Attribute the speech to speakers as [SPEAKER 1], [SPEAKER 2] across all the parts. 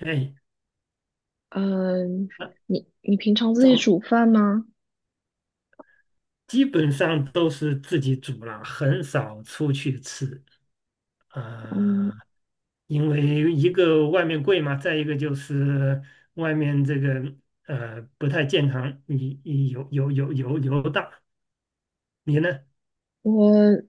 [SPEAKER 1] 哎，
[SPEAKER 2] 嗯，
[SPEAKER 1] 那
[SPEAKER 2] 你平常自己煮
[SPEAKER 1] 早
[SPEAKER 2] 饭吗？
[SPEAKER 1] 基本上都是自己煮了，很少出去吃。
[SPEAKER 2] 嗯，
[SPEAKER 1] 呃，因为一个外面贵嘛，再一个就是外面这个不太健康，你油大。你呢？
[SPEAKER 2] 我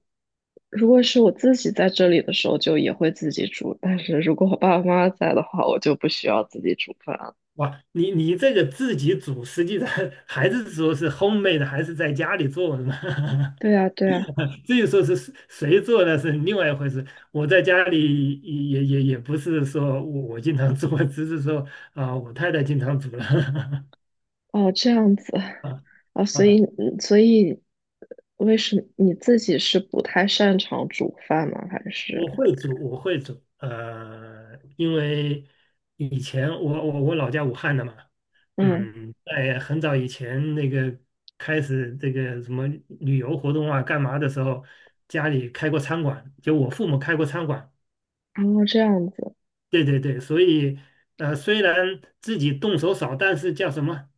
[SPEAKER 2] 如果是我自己在这里的时候，就也会自己煮，但是如果我爸爸妈妈在的话，我就不需要自己煮饭了。
[SPEAKER 1] 哇，你这个自己煮，实际上 还是说是 homemade 的还是在家里做的嘛？
[SPEAKER 2] 对啊，对啊。
[SPEAKER 1] 至于说是谁做那是另外一回事。我在家里也不是说我经常做，只是说啊、我太太经常煮了。
[SPEAKER 2] 哦，这样子
[SPEAKER 1] 啊
[SPEAKER 2] 啊。所
[SPEAKER 1] 啊，
[SPEAKER 2] 以嗯所以为什么你自己是不太擅长煮饭吗？还
[SPEAKER 1] 我
[SPEAKER 2] 是
[SPEAKER 1] 会煮，我会煮。因为以前我老家武汉的嘛。
[SPEAKER 2] 嗯，
[SPEAKER 1] 嗯，在很早以前那个开始这个什么旅游活动啊干嘛的时候，家里开过餐馆，就我父母开过餐馆。
[SPEAKER 2] 然后这样子
[SPEAKER 1] 对对对，所以虽然自己动手少，但是叫什么？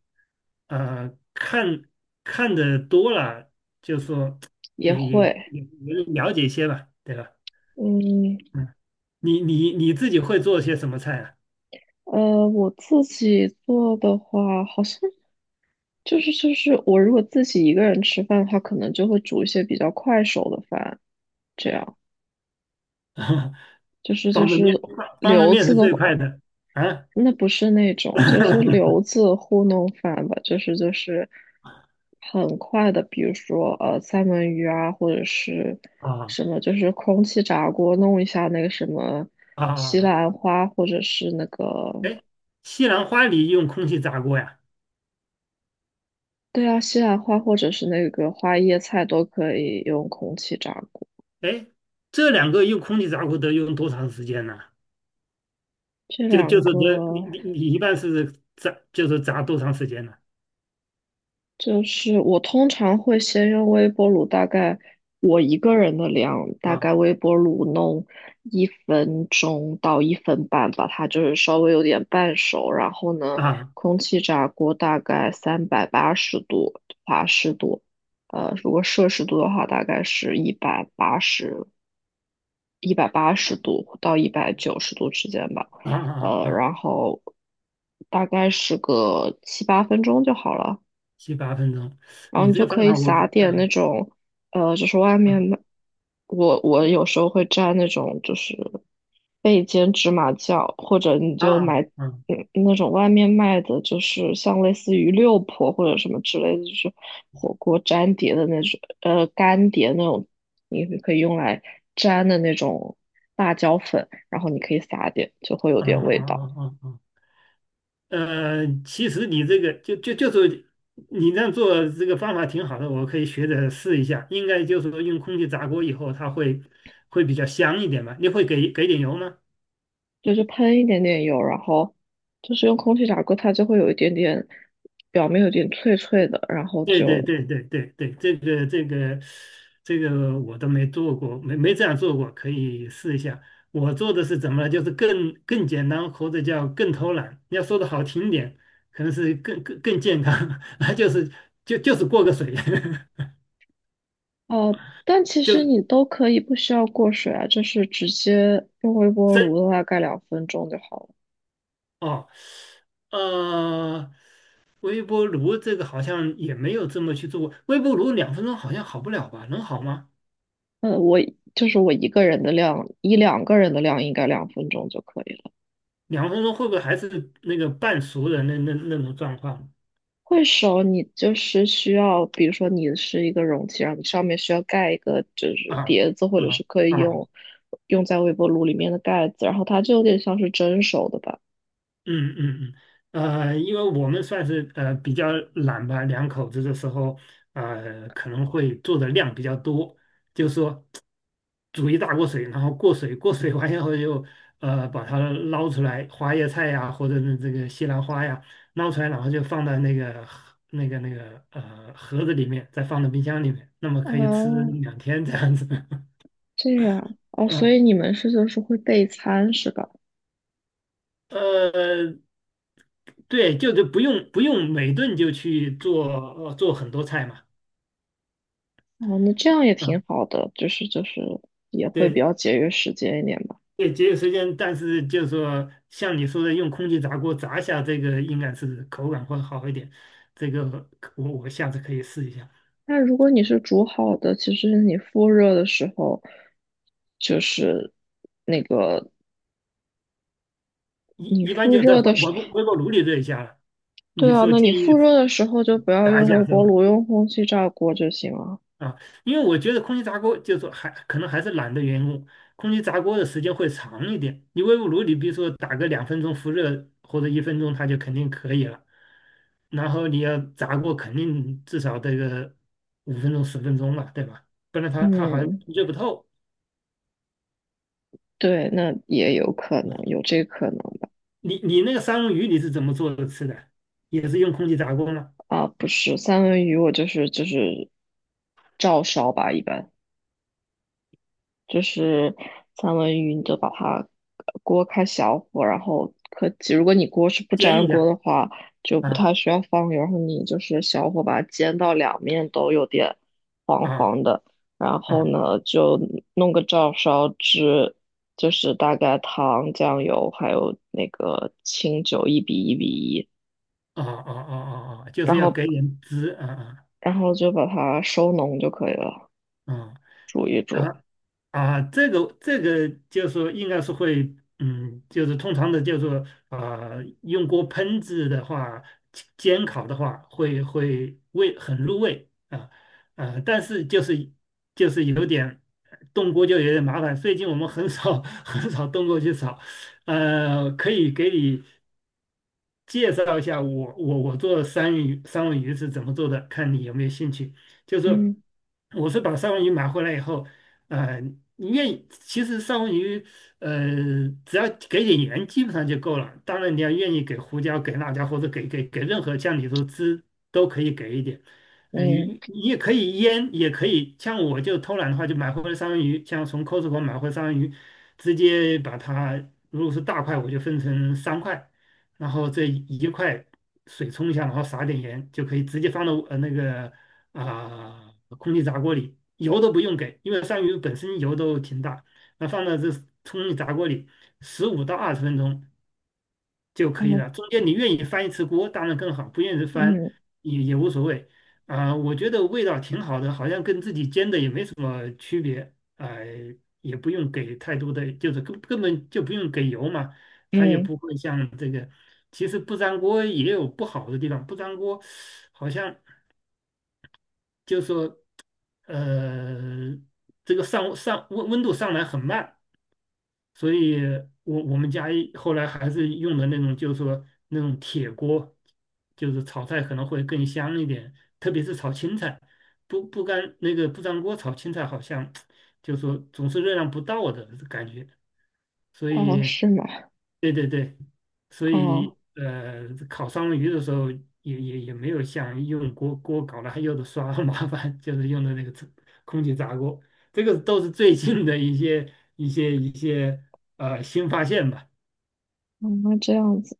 [SPEAKER 1] 呃，看看的多了，就说
[SPEAKER 2] 也
[SPEAKER 1] 也也
[SPEAKER 2] 会。
[SPEAKER 1] 也了解一些吧，对吧？
[SPEAKER 2] 嗯，
[SPEAKER 1] 嗯，你自己会做些什么菜啊？
[SPEAKER 2] 我自己做的话，好像就是我如果自己一个人吃饭的话，可能就会煮一些比较快手的饭，这样。就是 就
[SPEAKER 1] 方便面，
[SPEAKER 2] 是
[SPEAKER 1] 方方便
[SPEAKER 2] 留
[SPEAKER 1] 面
[SPEAKER 2] 子
[SPEAKER 1] 是
[SPEAKER 2] 的
[SPEAKER 1] 最
[SPEAKER 2] 话，
[SPEAKER 1] 快的啊！
[SPEAKER 2] 那不是那种就是留 子糊弄饭吧，就是很快的，比如说三文鱼啊，或者是
[SPEAKER 1] 啊
[SPEAKER 2] 什么，就是空气炸锅弄一下那个什么西
[SPEAKER 1] 啊！
[SPEAKER 2] 兰花，或者是那个，
[SPEAKER 1] 哎，西兰花里用空气炸锅呀？
[SPEAKER 2] 对啊，西兰花，或者是那个花椰菜都可以用空气炸锅，
[SPEAKER 1] 哎，这2个用空气炸锅得用多长时间呢？
[SPEAKER 2] 这
[SPEAKER 1] 就就
[SPEAKER 2] 两
[SPEAKER 1] 是
[SPEAKER 2] 个。
[SPEAKER 1] 这，你一般是炸，就是炸多长时间呢？
[SPEAKER 2] 就是我通常会先用微波炉，大概我一个人的量，大概
[SPEAKER 1] 啊
[SPEAKER 2] 微波炉弄1分钟到1分半吧，把它就是稍微有点半熟。然后呢，
[SPEAKER 1] 啊
[SPEAKER 2] 空气炸锅大概380度华氏度，如果摄氏度的话，大概是一百八十度到190度之间吧，
[SPEAKER 1] 啊啊啊，
[SPEAKER 2] 然后大概是个七八分钟就好了。
[SPEAKER 1] 7、8分钟。
[SPEAKER 2] 然后
[SPEAKER 1] 你
[SPEAKER 2] 你
[SPEAKER 1] 这
[SPEAKER 2] 就
[SPEAKER 1] 个方
[SPEAKER 2] 可以
[SPEAKER 1] 法我
[SPEAKER 2] 撒
[SPEAKER 1] 可，
[SPEAKER 2] 点那
[SPEAKER 1] 嗯
[SPEAKER 2] 种，就是外面买，
[SPEAKER 1] 嗯
[SPEAKER 2] 我有时候会蘸那种就是焙煎芝麻酱，或者你就
[SPEAKER 1] 啊
[SPEAKER 2] 买
[SPEAKER 1] 嗯
[SPEAKER 2] 那种外面卖的，就是像类似于六婆或者什么之类的，就是火锅粘碟的那种，干碟那种，你可以用来粘的那种辣椒粉，然后你可以撒点，就会有
[SPEAKER 1] 啊
[SPEAKER 2] 点
[SPEAKER 1] 啊
[SPEAKER 2] 味道。
[SPEAKER 1] 啊啊啊。其实你这个就是你这样做这个方法挺好的，我可以学着试一下。应该就是说用空气炸锅以后，它会比较香一点吧？你会给点油吗？
[SPEAKER 2] 就是喷一点点油，然后就是用空气炸锅，它就会有一点点表面有点脆脆的，然后
[SPEAKER 1] 对对
[SPEAKER 2] 就。
[SPEAKER 1] 对对对对，这个我都没做过，没这样做过，可以试一下。我做的是怎么了？就是更简单，或者叫更偷懒。要说的好听点，可能是更健康，就是就是过个水，
[SPEAKER 2] 但其
[SPEAKER 1] 就
[SPEAKER 2] 实
[SPEAKER 1] 是
[SPEAKER 2] 你都可以不需要过水啊，就是直接用微波炉
[SPEAKER 1] 真
[SPEAKER 2] 的话盖两分钟就好了。
[SPEAKER 1] 哦。呃，微波炉这个好像也没有这么去做过。微波炉两分钟好像好不了吧？能好吗？
[SPEAKER 2] 我就是我一个人的量，一两个人的量应该两分钟就可以了。
[SPEAKER 1] 两分钟会不会还是那个半熟的那种状况？
[SPEAKER 2] 会熟，你就是需要，比如说你是一个容器，然后你上面需要盖一个就
[SPEAKER 1] 啊
[SPEAKER 2] 是碟子，或者是
[SPEAKER 1] 啊
[SPEAKER 2] 可以
[SPEAKER 1] 啊，
[SPEAKER 2] 用在微波炉里面的盖子，然后它就有点像是蒸熟的吧？
[SPEAKER 1] 嗯嗯嗯。因为我们算是比较懒吧，两口子的时候，可能会做的量比较多，就是说煮一大锅水，然后过水，过水完以后就把它捞出来，花椰菜呀，或者是这个西兰花呀，捞出来，然后就放到那个盒子里面，再放到冰箱里面，那么可以吃
[SPEAKER 2] 哦，
[SPEAKER 1] 2天这样子。
[SPEAKER 2] 这样哦，所
[SPEAKER 1] 呃
[SPEAKER 2] 以你们是就是会备餐是吧？
[SPEAKER 1] 呃，对，就是不用每顿就去做做很多菜嘛。
[SPEAKER 2] 哦，那这样也挺
[SPEAKER 1] 啊，
[SPEAKER 2] 好的，就是也会比
[SPEAKER 1] 对
[SPEAKER 2] 较节约时间一点吧。
[SPEAKER 1] 对，节约时间，但是就是说像你说的，用空气炸锅炸一下这个应该是口感会好一点，这个我下次可以试一下。
[SPEAKER 2] 那如果你是煮好的，其实你复热的时候，就是那个
[SPEAKER 1] 一
[SPEAKER 2] 你
[SPEAKER 1] 一般
[SPEAKER 2] 复
[SPEAKER 1] 就在
[SPEAKER 2] 热
[SPEAKER 1] 微
[SPEAKER 2] 的
[SPEAKER 1] 微
[SPEAKER 2] 时候。
[SPEAKER 1] 波微波炉里热一下了。你
[SPEAKER 2] 对啊，
[SPEAKER 1] 说
[SPEAKER 2] 那
[SPEAKER 1] 建
[SPEAKER 2] 你
[SPEAKER 1] 议
[SPEAKER 2] 复热的时候就不要
[SPEAKER 1] 炸一
[SPEAKER 2] 用微
[SPEAKER 1] 下是
[SPEAKER 2] 波
[SPEAKER 1] 吧？
[SPEAKER 2] 炉，用空气炸锅就行了。
[SPEAKER 1] 啊，因为我觉得空气炸锅就是还可能还是懒的缘故，空气炸锅的时间会长一点。你微波炉你比如说打个两分钟复热或者1分钟，它就肯定可以了。然后你要炸过，肯定至少得个5分钟10分钟吧，对吧？不然它好像
[SPEAKER 2] 嗯，
[SPEAKER 1] 热不透。
[SPEAKER 2] 对，那也有可能，有这可能吧。
[SPEAKER 1] 你那个三文鱼你是怎么做的吃的？也是用空气炸锅吗？
[SPEAKER 2] 啊，不是，三文鱼我就是照烧吧，一般。就是三文鱼，你就把它锅开小火，然后可及如果你锅是不
[SPEAKER 1] 煎
[SPEAKER 2] 粘
[SPEAKER 1] 一
[SPEAKER 2] 锅的
[SPEAKER 1] 下。
[SPEAKER 2] 话，就不
[SPEAKER 1] 啊
[SPEAKER 2] 太需要放油，然后你就是小火把它煎到两面都有点黄
[SPEAKER 1] 啊
[SPEAKER 2] 黄的，然后
[SPEAKER 1] 啊
[SPEAKER 2] 呢就弄个照烧汁，就是大概糖、酱油还有那个清酒1:1:1，
[SPEAKER 1] 啊啊啊啊啊，就
[SPEAKER 2] 然
[SPEAKER 1] 是要
[SPEAKER 2] 后
[SPEAKER 1] 给点汁啊
[SPEAKER 2] 就把它收浓就可以了，
[SPEAKER 1] 啊
[SPEAKER 2] 煮一
[SPEAKER 1] 啊。
[SPEAKER 2] 煮。
[SPEAKER 1] 啊啊。这个就是说应该是会，嗯，就是通常的，就是说啊、用锅烹制的话，煎烤的话，会很入味啊。啊、但是就是有点动锅就有点麻烦，最近我们很少 很少动锅去炒。可以给你介绍一下我做三文鱼是怎么做的，看你有没有兴趣。就是
[SPEAKER 2] 嗯，
[SPEAKER 1] 我是把三文鱼买回来以后，呃，你愿意，其实三文鱼，只要给点盐基本上就够了。当然你要愿意给胡椒、给辣椒或者给任何酱里头汁都可以给一点。嗯，
[SPEAKER 2] 嗯，
[SPEAKER 1] 你也可以腌，也可以像我就偷懒的话，就买回来三文鱼，像从 Costco 买回来三文鱼，直接把它。如果是大块，我就分成3块；然后这一块水冲一下，然后撒点盐，就可以直接放到那个啊、空气炸锅里，油都不用给，因为鳝鱼本身油都挺大，那放到这空气炸锅里15到20分钟，就可以
[SPEAKER 2] 哦，
[SPEAKER 1] 了。中间你愿意翻1次锅，当然更好；不愿意翻
[SPEAKER 2] 嗯
[SPEAKER 1] 也无所谓。啊、我觉得味道挺好的，好像跟自己煎的也没什么区别。哎、也不用给太多的，就是根本就不用给油嘛，它也
[SPEAKER 2] 嗯，
[SPEAKER 1] 不会像这个。其实不粘锅也有不好的地方，不粘锅好像就说呃，这个温度上来很慢。所以我们家一后来还是用的那种，就是说那种铁锅，就是炒菜可能会更香一点，特别是炒青菜，不不干那个不粘锅炒青菜好像，就是说总是热量不到的感觉，所
[SPEAKER 2] 嗯，哦
[SPEAKER 1] 以。
[SPEAKER 2] 是吗？
[SPEAKER 1] 对对对，所
[SPEAKER 2] 哦，
[SPEAKER 1] 以烤双鱼的时候也没有像用锅搞了，还有的刷很麻烦，就是用的那个空气炸锅。这个都是最近的一些新发现吧。
[SPEAKER 2] 嗯那这样子。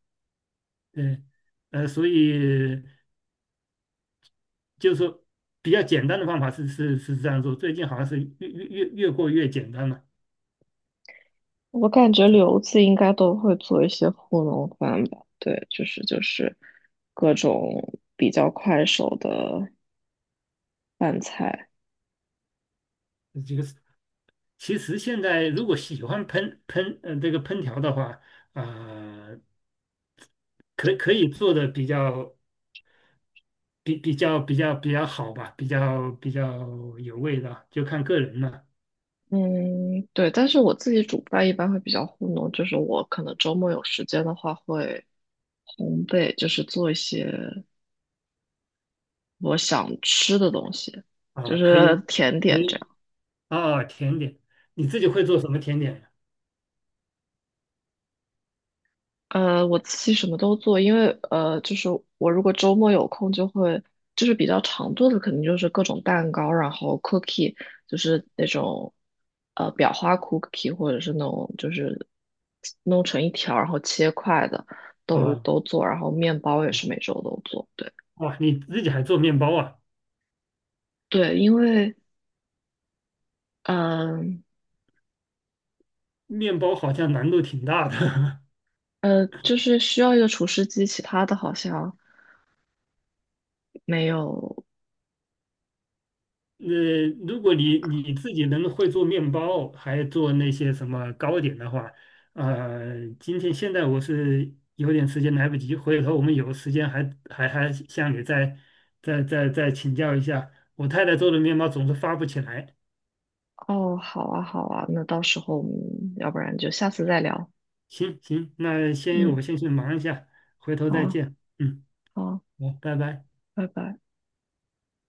[SPEAKER 1] 对。所以就是说比较简单的方法是这样做，最近好像是越过越简单了。
[SPEAKER 2] 我感觉留子应该都会做一些糊弄饭吧？对，就是各种比较快手的饭菜。
[SPEAKER 1] 这个是其实现在如果喜欢烹烹呃这个烹调的话。啊、可以做的比较好吧，比较有味道，就看个人了。
[SPEAKER 2] 嗯，对，但是我自己煮饭一般会比较糊弄，就是我可能周末有时间的话会烘焙，就是做一些我想吃的东西，就
[SPEAKER 1] 啊，可
[SPEAKER 2] 是
[SPEAKER 1] 以
[SPEAKER 2] 甜
[SPEAKER 1] 可
[SPEAKER 2] 点这
[SPEAKER 1] 以。
[SPEAKER 2] 样。
[SPEAKER 1] 啊，甜点，你自己会做什么甜点呀？
[SPEAKER 2] 我自己什么都做，因为就是我如果周末有空，就是比较常做的，肯定就是各种蛋糕，然后 cookie,就是那种裱花 cookie,或者是那种就是弄成一条然后切块的，都
[SPEAKER 1] 啊，
[SPEAKER 2] 都做，然后面包也是每周都做，对
[SPEAKER 1] 哇，你自己还做面包啊？
[SPEAKER 2] 对，因为嗯
[SPEAKER 1] 面包好像难度挺大的。
[SPEAKER 2] 就是需要一个厨师机，其他的好像没有。
[SPEAKER 1] 呃，如果你自己能会做面包，还做那些什么糕点的话，今天现在我是有点时间来不及，回头我们有时间还向你再请教一下。我太太做的面包总是发不起来。
[SPEAKER 2] 哦，好啊，好啊，那到时候我们要不然就下次再聊。
[SPEAKER 1] 行行，那先
[SPEAKER 2] 嗯。
[SPEAKER 1] 我先去忙一下，回头
[SPEAKER 2] 好
[SPEAKER 1] 再
[SPEAKER 2] 啊
[SPEAKER 1] 见。嗯，
[SPEAKER 2] 好啊
[SPEAKER 1] 好，拜拜。
[SPEAKER 2] 拜拜。